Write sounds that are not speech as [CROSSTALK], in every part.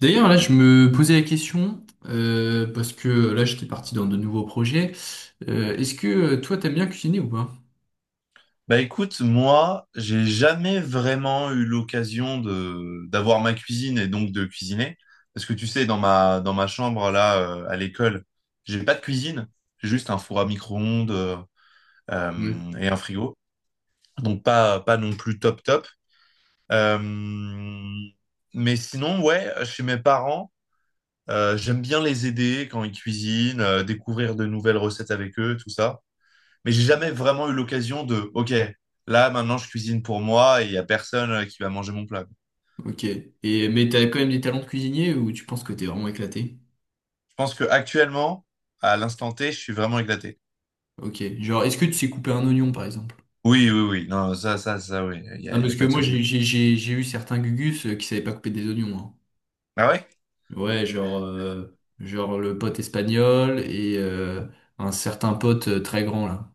D'ailleurs, là, je me posais la question, parce que là, j'étais parti dans de nouveaux projets. Est-ce que toi, t'aimes bien cuisiner ou pas? Bah écoute, moi, j'ai jamais vraiment eu l'occasion de d'avoir ma cuisine et donc de cuisiner. Parce que tu sais, dans ma chambre là à l'école, j'ai pas de cuisine, j'ai juste un four à micro-ondes Ouais. Et un frigo. Donc pas non plus top top. Euh, mais sinon, ouais, chez mes parents, j'aime bien les aider quand ils cuisinent, découvrir de nouvelles recettes avec eux, tout ça. Mais j'ai jamais vraiment eu l'occasion de, OK, là, maintenant, je cuisine pour moi et il y a personne qui va manger mon plat. Ok. Et, mais t'as quand même des talents de cuisinier ou tu penses que t'es vraiment éclaté? Je pense que actuellement, à l'instant T, je suis vraiment éclaté. Ok. Genre, est-ce que tu sais couper un oignon, par exemple? Oui, oui, oui. Non, ça, oui. Il y Non, a, il y parce a que pas de moi, souci. j'ai eu certains gugus qui savaient pas couper des oignons, hein. Ah ouais? Ouais, genre, genre le pote espagnol et un certain pote très grand, là.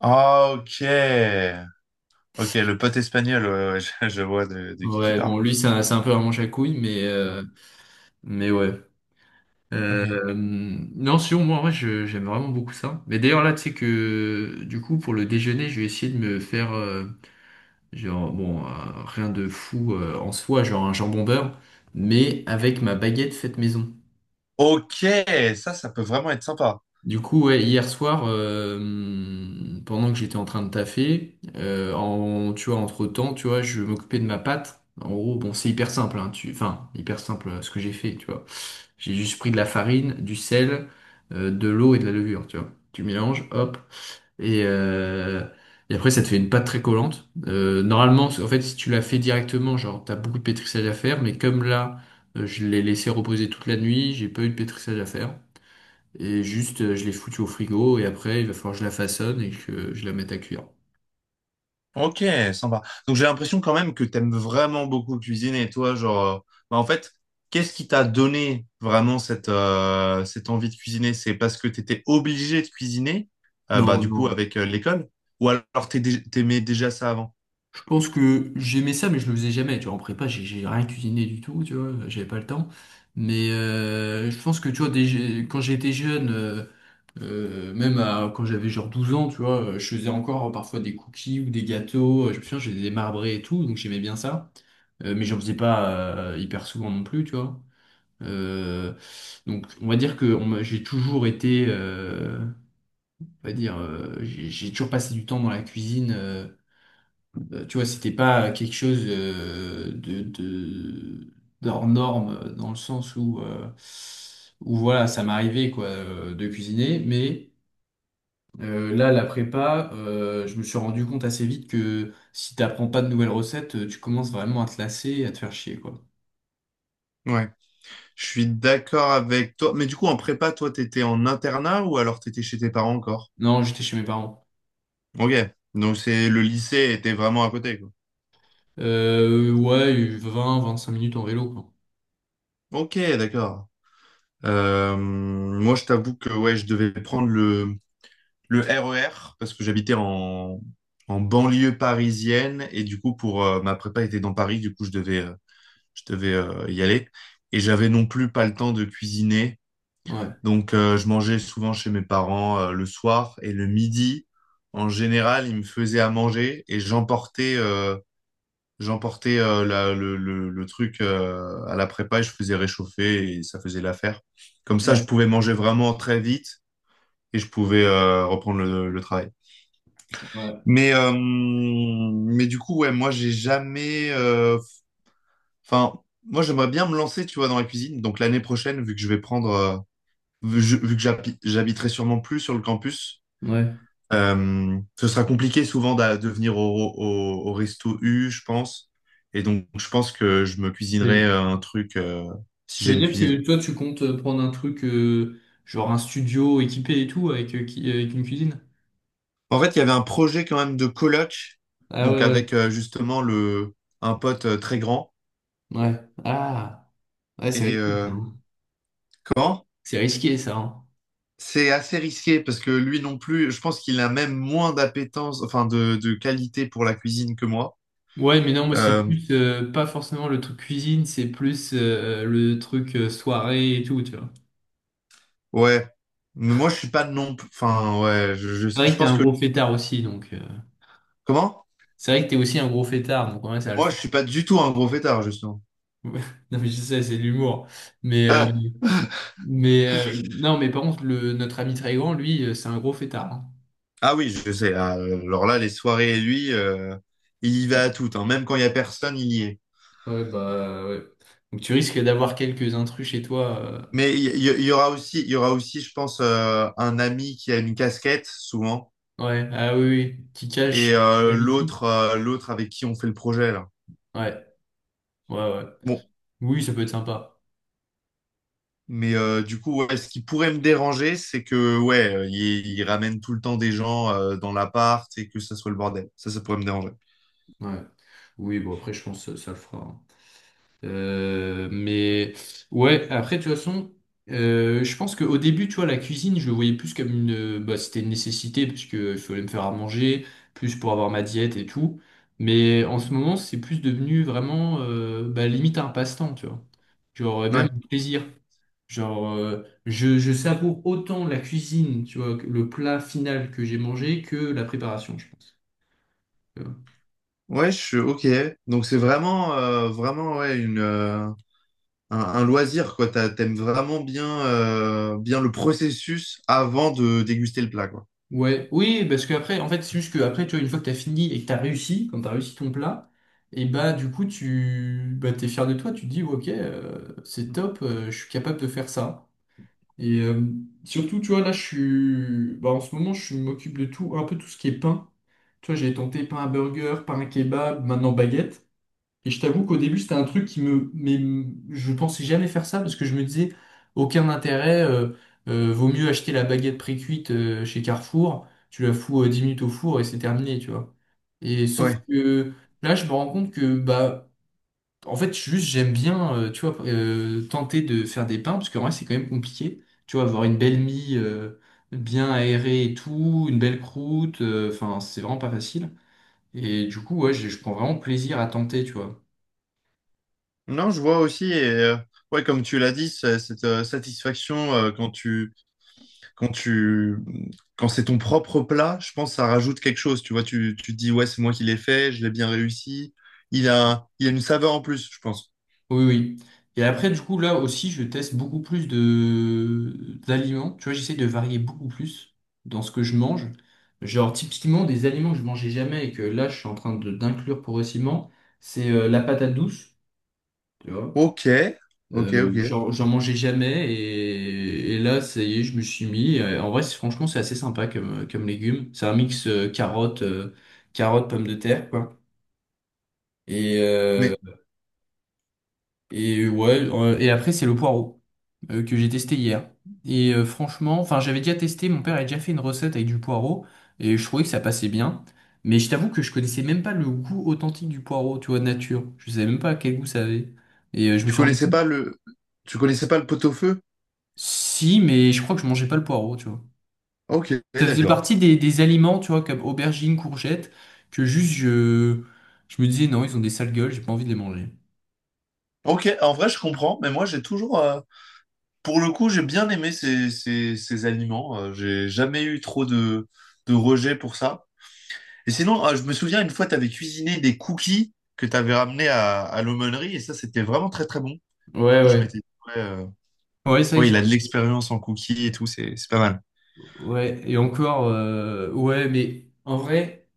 Ah, ok. Ok, le pote espagnol, ouais, ouais, [LAUGHS] je vois de qui tu Ouais, parles. bon, lui, c'est un peu un manche à couilles, mais ouais. Ok. Non, sinon, moi, en vrai, j'aime vraiment beaucoup ça. Mais d'ailleurs, là, tu sais que, du coup, pour le déjeuner, je vais essayer de me faire, genre, bon, rien de fou en soi, genre un jambon beurre, mais avec ma baguette faite maison. Ok, ça peut vraiment être sympa. Du coup, ouais, hier soir, pendant que j'étais en train de taffer, en, tu vois, entre-temps, tu vois, je m'occupais de ma pâte. En gros, bon, c'est hyper simple, hein, enfin, hyper simple, ce que j'ai fait, tu vois. J'ai juste pris de la farine, du sel, de l'eau et de la levure, tu vois. Tu mélanges, hop, et, euh, et après, ça te fait une pâte très collante. Normalement, en fait, si tu la fais directement, genre, t'as beaucoup de pétrissage à faire, mais comme là, je l'ai laissé reposer toute la nuit, j'ai pas eu de pétrissage à faire. Et juste, je l'ai foutue au frigo et après, il va falloir que je la façonne et que je la mette à cuire. Ok, sympa. Donc j'ai l'impression quand même que t'aimes vraiment beaucoup cuisiner, toi, genre, bah, en fait, qu'est-ce qui t'a donné vraiment cette, cette envie de cuisiner? C'est parce que t'étais obligé de cuisiner, Non, bah du non. coup avec l'école, ou alors t'aimais déjà ça avant? Je pense que j'aimais ça, mais je le faisais jamais. Tu vois, en prépa, j'ai rien cuisiné du tout, tu vois, j'avais pas le temps. Mais je pense que, tu vois, quand j'étais jeune, même quand j'avais genre 12 ans, tu vois, je faisais encore parfois des cookies ou des gâteaux. Je me souviens, j'ai des marbrés et tout, donc j'aimais bien ça. Mais j'en faisais pas hyper souvent non plus, tu vois. Euh, donc, on va dire que j'ai toujours été, on va dire, j'ai toujours passé du temps dans la cuisine. Tu vois, c'était pas quelque chose, de, d'hors norme, dans le sens où, où voilà, ça m'arrivait quoi, de cuisiner. Mais là, la prépa, je me suis rendu compte assez vite que si t'apprends pas de nouvelles recettes, tu commences vraiment à te lasser et à te faire chier, quoi. Ouais, je suis d'accord avec toi. Mais du coup, en prépa, toi, t'étais en internat ou alors t'étais chez tes parents encore? Non, j'étais chez mes parents. Ok, donc c'est le lycée était vraiment à côté, quoi. Ouais, vingt, 25 minutes en vélo, quoi. Ok, d'accord. Moi, je t'avoue que ouais, je devais prendre le RER, parce que j'habitais en, en banlieue parisienne, et du coup, pour ma prépa était dans Paris, du coup, je devais y aller. Et j'avais non plus pas le temps de cuisiner, Ouais. donc je mangeais souvent chez mes parents le soir et le midi. En général, ils me faisaient à manger et j'emportais le truc à la prépa et je faisais réchauffer et ça faisait l'affaire. Comme ça, je Ouais, pouvais manger vraiment très vite et je pouvais reprendre le travail. ouais. Mais du coup, ouais, moi, j'ai jamais. Enfin, moi, j'aimerais bien me lancer, tu vois, dans la cuisine. Donc, l'année prochaine, vu que je vais prendre. Vu que j'habiterai sûrement plus sur le campus, Ouais. Ce sera compliqué souvent de venir au, au, au resto U, je pense. Et donc, je pense que je me cuisinerai Mais un truc si ça j'ai veut une dire cuisine. que toi, tu comptes, prendre un truc, genre un studio équipé et tout, avec, avec une cuisine? En fait, il y avait un projet quand même de coloc, Ah ouais, donc ouais. avec justement le, un pote très grand. Ouais. Ah, ouais, c'est Et. risqué, ça, hein. Comment? C'est risqué, ça, hein. C'est assez risqué parce que lui non plus, je pense qu'il a même moins d'appétence, enfin de qualité pour la cuisine que moi. Ouais, mais non, moi, c'est Euh, plus, pas forcément le truc cuisine, c'est plus, le truc, soirée et tout, tu vois. ouais, mais moi je suis pas non plus, enfin ouais, C'est vrai je que t'es pense un que gros fêtard aussi, donc, comment? c'est vrai que t'es aussi un gros fêtard, donc ouais, ça va le Moi je faire. suis pas du tout un gros fêtard justement. [LAUGHS] Non, mais je sais, c'est de l'humour. Mais, euh, Ah, mais non, mais par contre, notre ami très grand, lui, c'est un gros fêtard, hein. ah oui, je sais. Ah, alors là, les soirées lui, il y va à toutes, hein. Même quand il y a personne, il y est. Ouais, bah ouais. Donc tu risques d'avoir quelques intrus chez toi, Mais il y aura aussi, je pense, un ami qui a une casquette souvent ouais, ah oui, oui, qui cachent et la vie. L'autre avec qui on fait le projet là. Ouais, ouais, ouais. Bon, Oui, ça peut être sympa. mais du coup, ouais, ce qui pourrait me déranger, c'est que ouais, il ramène tout le temps des gens dans l'appart et que ça soit le bordel. Ça pourrait me déranger. Ouais. Oui, bon, après, je pense que ça le fera, hein. Mais ouais, après, de toute façon, je pense qu'au début, tu vois, la cuisine, je le voyais plus comme une. Bah, c'était une nécessité, parce que il fallait me faire à manger, plus pour avoir ma diète et tout. Mais en ce moment, c'est plus devenu vraiment, bah, limite un passe-temps, tu vois. Genre, même Ouais. un plaisir. Genre, je savoure autant la cuisine, tu vois, que le plat final que j'ai mangé que la préparation, je pense. Euh, Ouais, je suis ok. Donc c'est vraiment, ouais, un loisir quoi. T'aimes vraiment bien, bien le processus avant de déguster le plat quoi. ouais, oui, parce qu'après, en fait, c'est juste que après, tu vois, une fois que t'as fini et que t'as réussi, quand t'as réussi ton plat, et bah, du coup, tu bah, t'es fier de toi, tu te dis, ouais, ok, c'est top, je suis capable de faire ça. Et surtout, tu vois, là, bah, en ce moment, je m'occupe de tout, un peu tout ce qui est pain. Tu vois, j'ai tenté pain à burger, pain à kebab, maintenant baguette. Et je t'avoue qu'au début, c'était un truc qui me... Mais je pensais jamais faire ça parce que je me disais, aucun intérêt, vaut mieux acheter la baguette pré-cuite, chez Carrefour, tu la fous, 10 minutes au four et c'est terminé, tu vois. Et sauf Ouais. que là, je me rends compte que, bah, en fait, juste, j'aime bien, tu vois, tenter de faire des pains parce que vrai, c'est quand même compliqué. Tu vois, avoir une belle mie, bien aérée et tout, une belle croûte, enfin, c'est vraiment pas facile. Et du coup, ouais, je prends vraiment plaisir à tenter, tu vois. Non, je vois aussi et ouais, comme tu l'as dit, cette satisfaction quand tu quand c'est ton propre plat, je pense que ça rajoute quelque chose. Tu vois, tu te dis, ouais, c'est moi qui l'ai fait, je l'ai bien réussi. Il a une saveur en plus, je pense. Oui, oui. Et après, du coup, là aussi, je teste beaucoup plus de d'aliments. Tu vois, j'essaie de varier beaucoup plus dans ce que je mange. Genre, typiquement, des aliments que je mangeais jamais et que là, je suis en train de d'inclure progressivement, c'est, la patate douce, tu vois. Ok, ok, ok. Genre, j'en mangeais jamais, et là, ça y est, je me suis mis. En vrai, franchement, c'est assez sympa comme, légume. C'est un mix, pomme de terre, quoi. Et, euh, Mais Et ouais, et après c'est le poireau, que j'ai testé hier. Et franchement, enfin j'avais déjà testé, mon père a déjà fait une recette avec du poireau et je trouvais que ça passait bien. Mais je t'avoue que je connaissais même pas le goût authentique du poireau, tu vois, nature. Je savais même pas quel goût ça avait. Et je me tu suis rendu connaissais compte. pas le, tu connaissais pas le pot-au-feu? Si, mais je crois que je mangeais pas le poireau, tu vois. Ok, Ça faisait d'accord. partie des aliments, tu vois, comme aubergines, courgettes, que juste je me disais non, ils ont des sales gueules, j'ai pas envie de les manger. Ok, en vrai, je comprends, mais moi, j'ai toujours, pour le coup, j'ai bien aimé ces aliments. J'ai jamais eu trop de rejet pour ça. Et sinon, je me souviens une fois, tu avais cuisiné des cookies que tu avais ramenés à l'aumônerie et ça, c'était vraiment très très bon. Du Ouais, coup, je ouais. m'étais dit, ouais, Ouais, c'est ouais, vrai il que a de j'ai-. l'expérience en cookies et tout, c'est pas mal. Ouais, et encore, ouais, mais en vrai,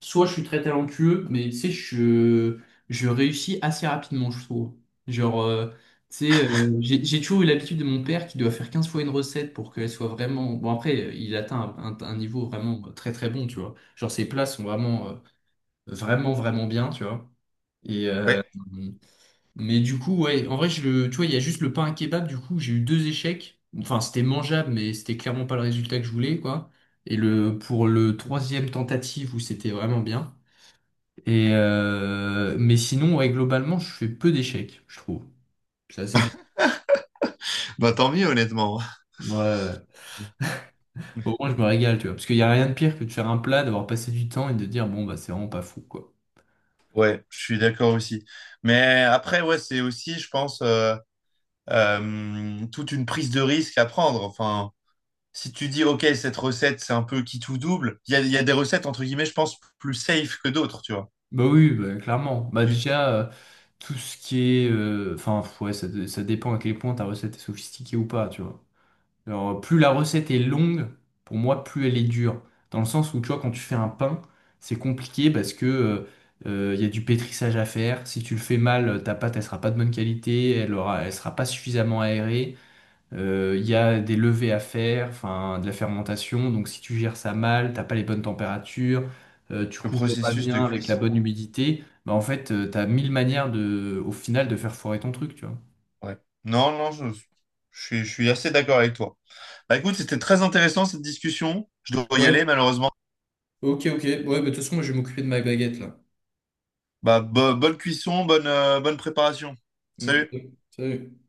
soit je suis très talentueux, mais tu sais, je réussis assez rapidement, je trouve. Genre, tu sais, j'ai toujours eu l'habitude de mon père qui doit faire 15 fois une recette pour qu'elle soit vraiment... Bon, après, il atteint un niveau vraiment très très bon, tu vois. Genre, ses plats sont vraiment, vraiment, vraiment bien, tu vois. Et Ouais, mais du coup, ouais, en vrai, tu vois, il y a juste le pain à kebab, du coup, j'ai eu deux échecs. Enfin, c'était mangeable, mais c'était clairement pas le résultat que je voulais, quoi. Et pour le troisième tentative où c'était vraiment bien. Et mais sinon, ouais, globalement, je fais peu d'échecs, je trouve. C'est assez bien. bah tant mieux, honnêtement. Ouais, ouais, ouais. Au moins, [LAUGHS] je me régale, tu vois. Parce qu'il y a rien de pire que de faire un plat, d'avoir passé du temps et de dire, bon, bah, c'est vraiment pas fou, quoi. Ouais, je suis d'accord aussi. Mais après, ouais, c'est aussi, je pense, toute une prise de risque à prendre. Enfin, si tu dis, OK, cette recette, c'est un peu qui tout double, il y a des recettes, entre guillemets, je pense, plus safe que d'autres, tu vois. Bah oui, bah, clairement. Bah Tu- déjà, tout ce qui est... Enfin, ouais, ça dépend à quel point ta recette est sophistiquée ou pas, tu vois. Alors, plus la recette est longue, pour moi, plus elle est dure. Dans le sens où, tu vois, quand tu fais un pain, c'est compliqué parce que, il y a du pétrissage à faire. Si tu le fais mal, ta pâte, elle sera pas de bonne qualité, elle sera pas suffisamment aérée. Il y a des levées à faire, enfin, de la fermentation. Donc, si tu gères ça mal, t'as pas les bonnes températures, tu Le couvres pas processus de bien avec la cuisson. bonne humidité, bah, en fait, tu t'as mille manières de, au final, de faire foirer ton truc, tu vois. Ouais. Non, non, je, je suis assez d'accord avec toi. Bah écoute, c'était très intéressant cette discussion. Je dois y aller Ouais, malheureusement. ok, ok. Ouais, bah, de toute façon, moi, je vais m'occuper de ma baguette là. Bah, bonne cuisson, bonne, bonne préparation. Ok, Salut. Salut.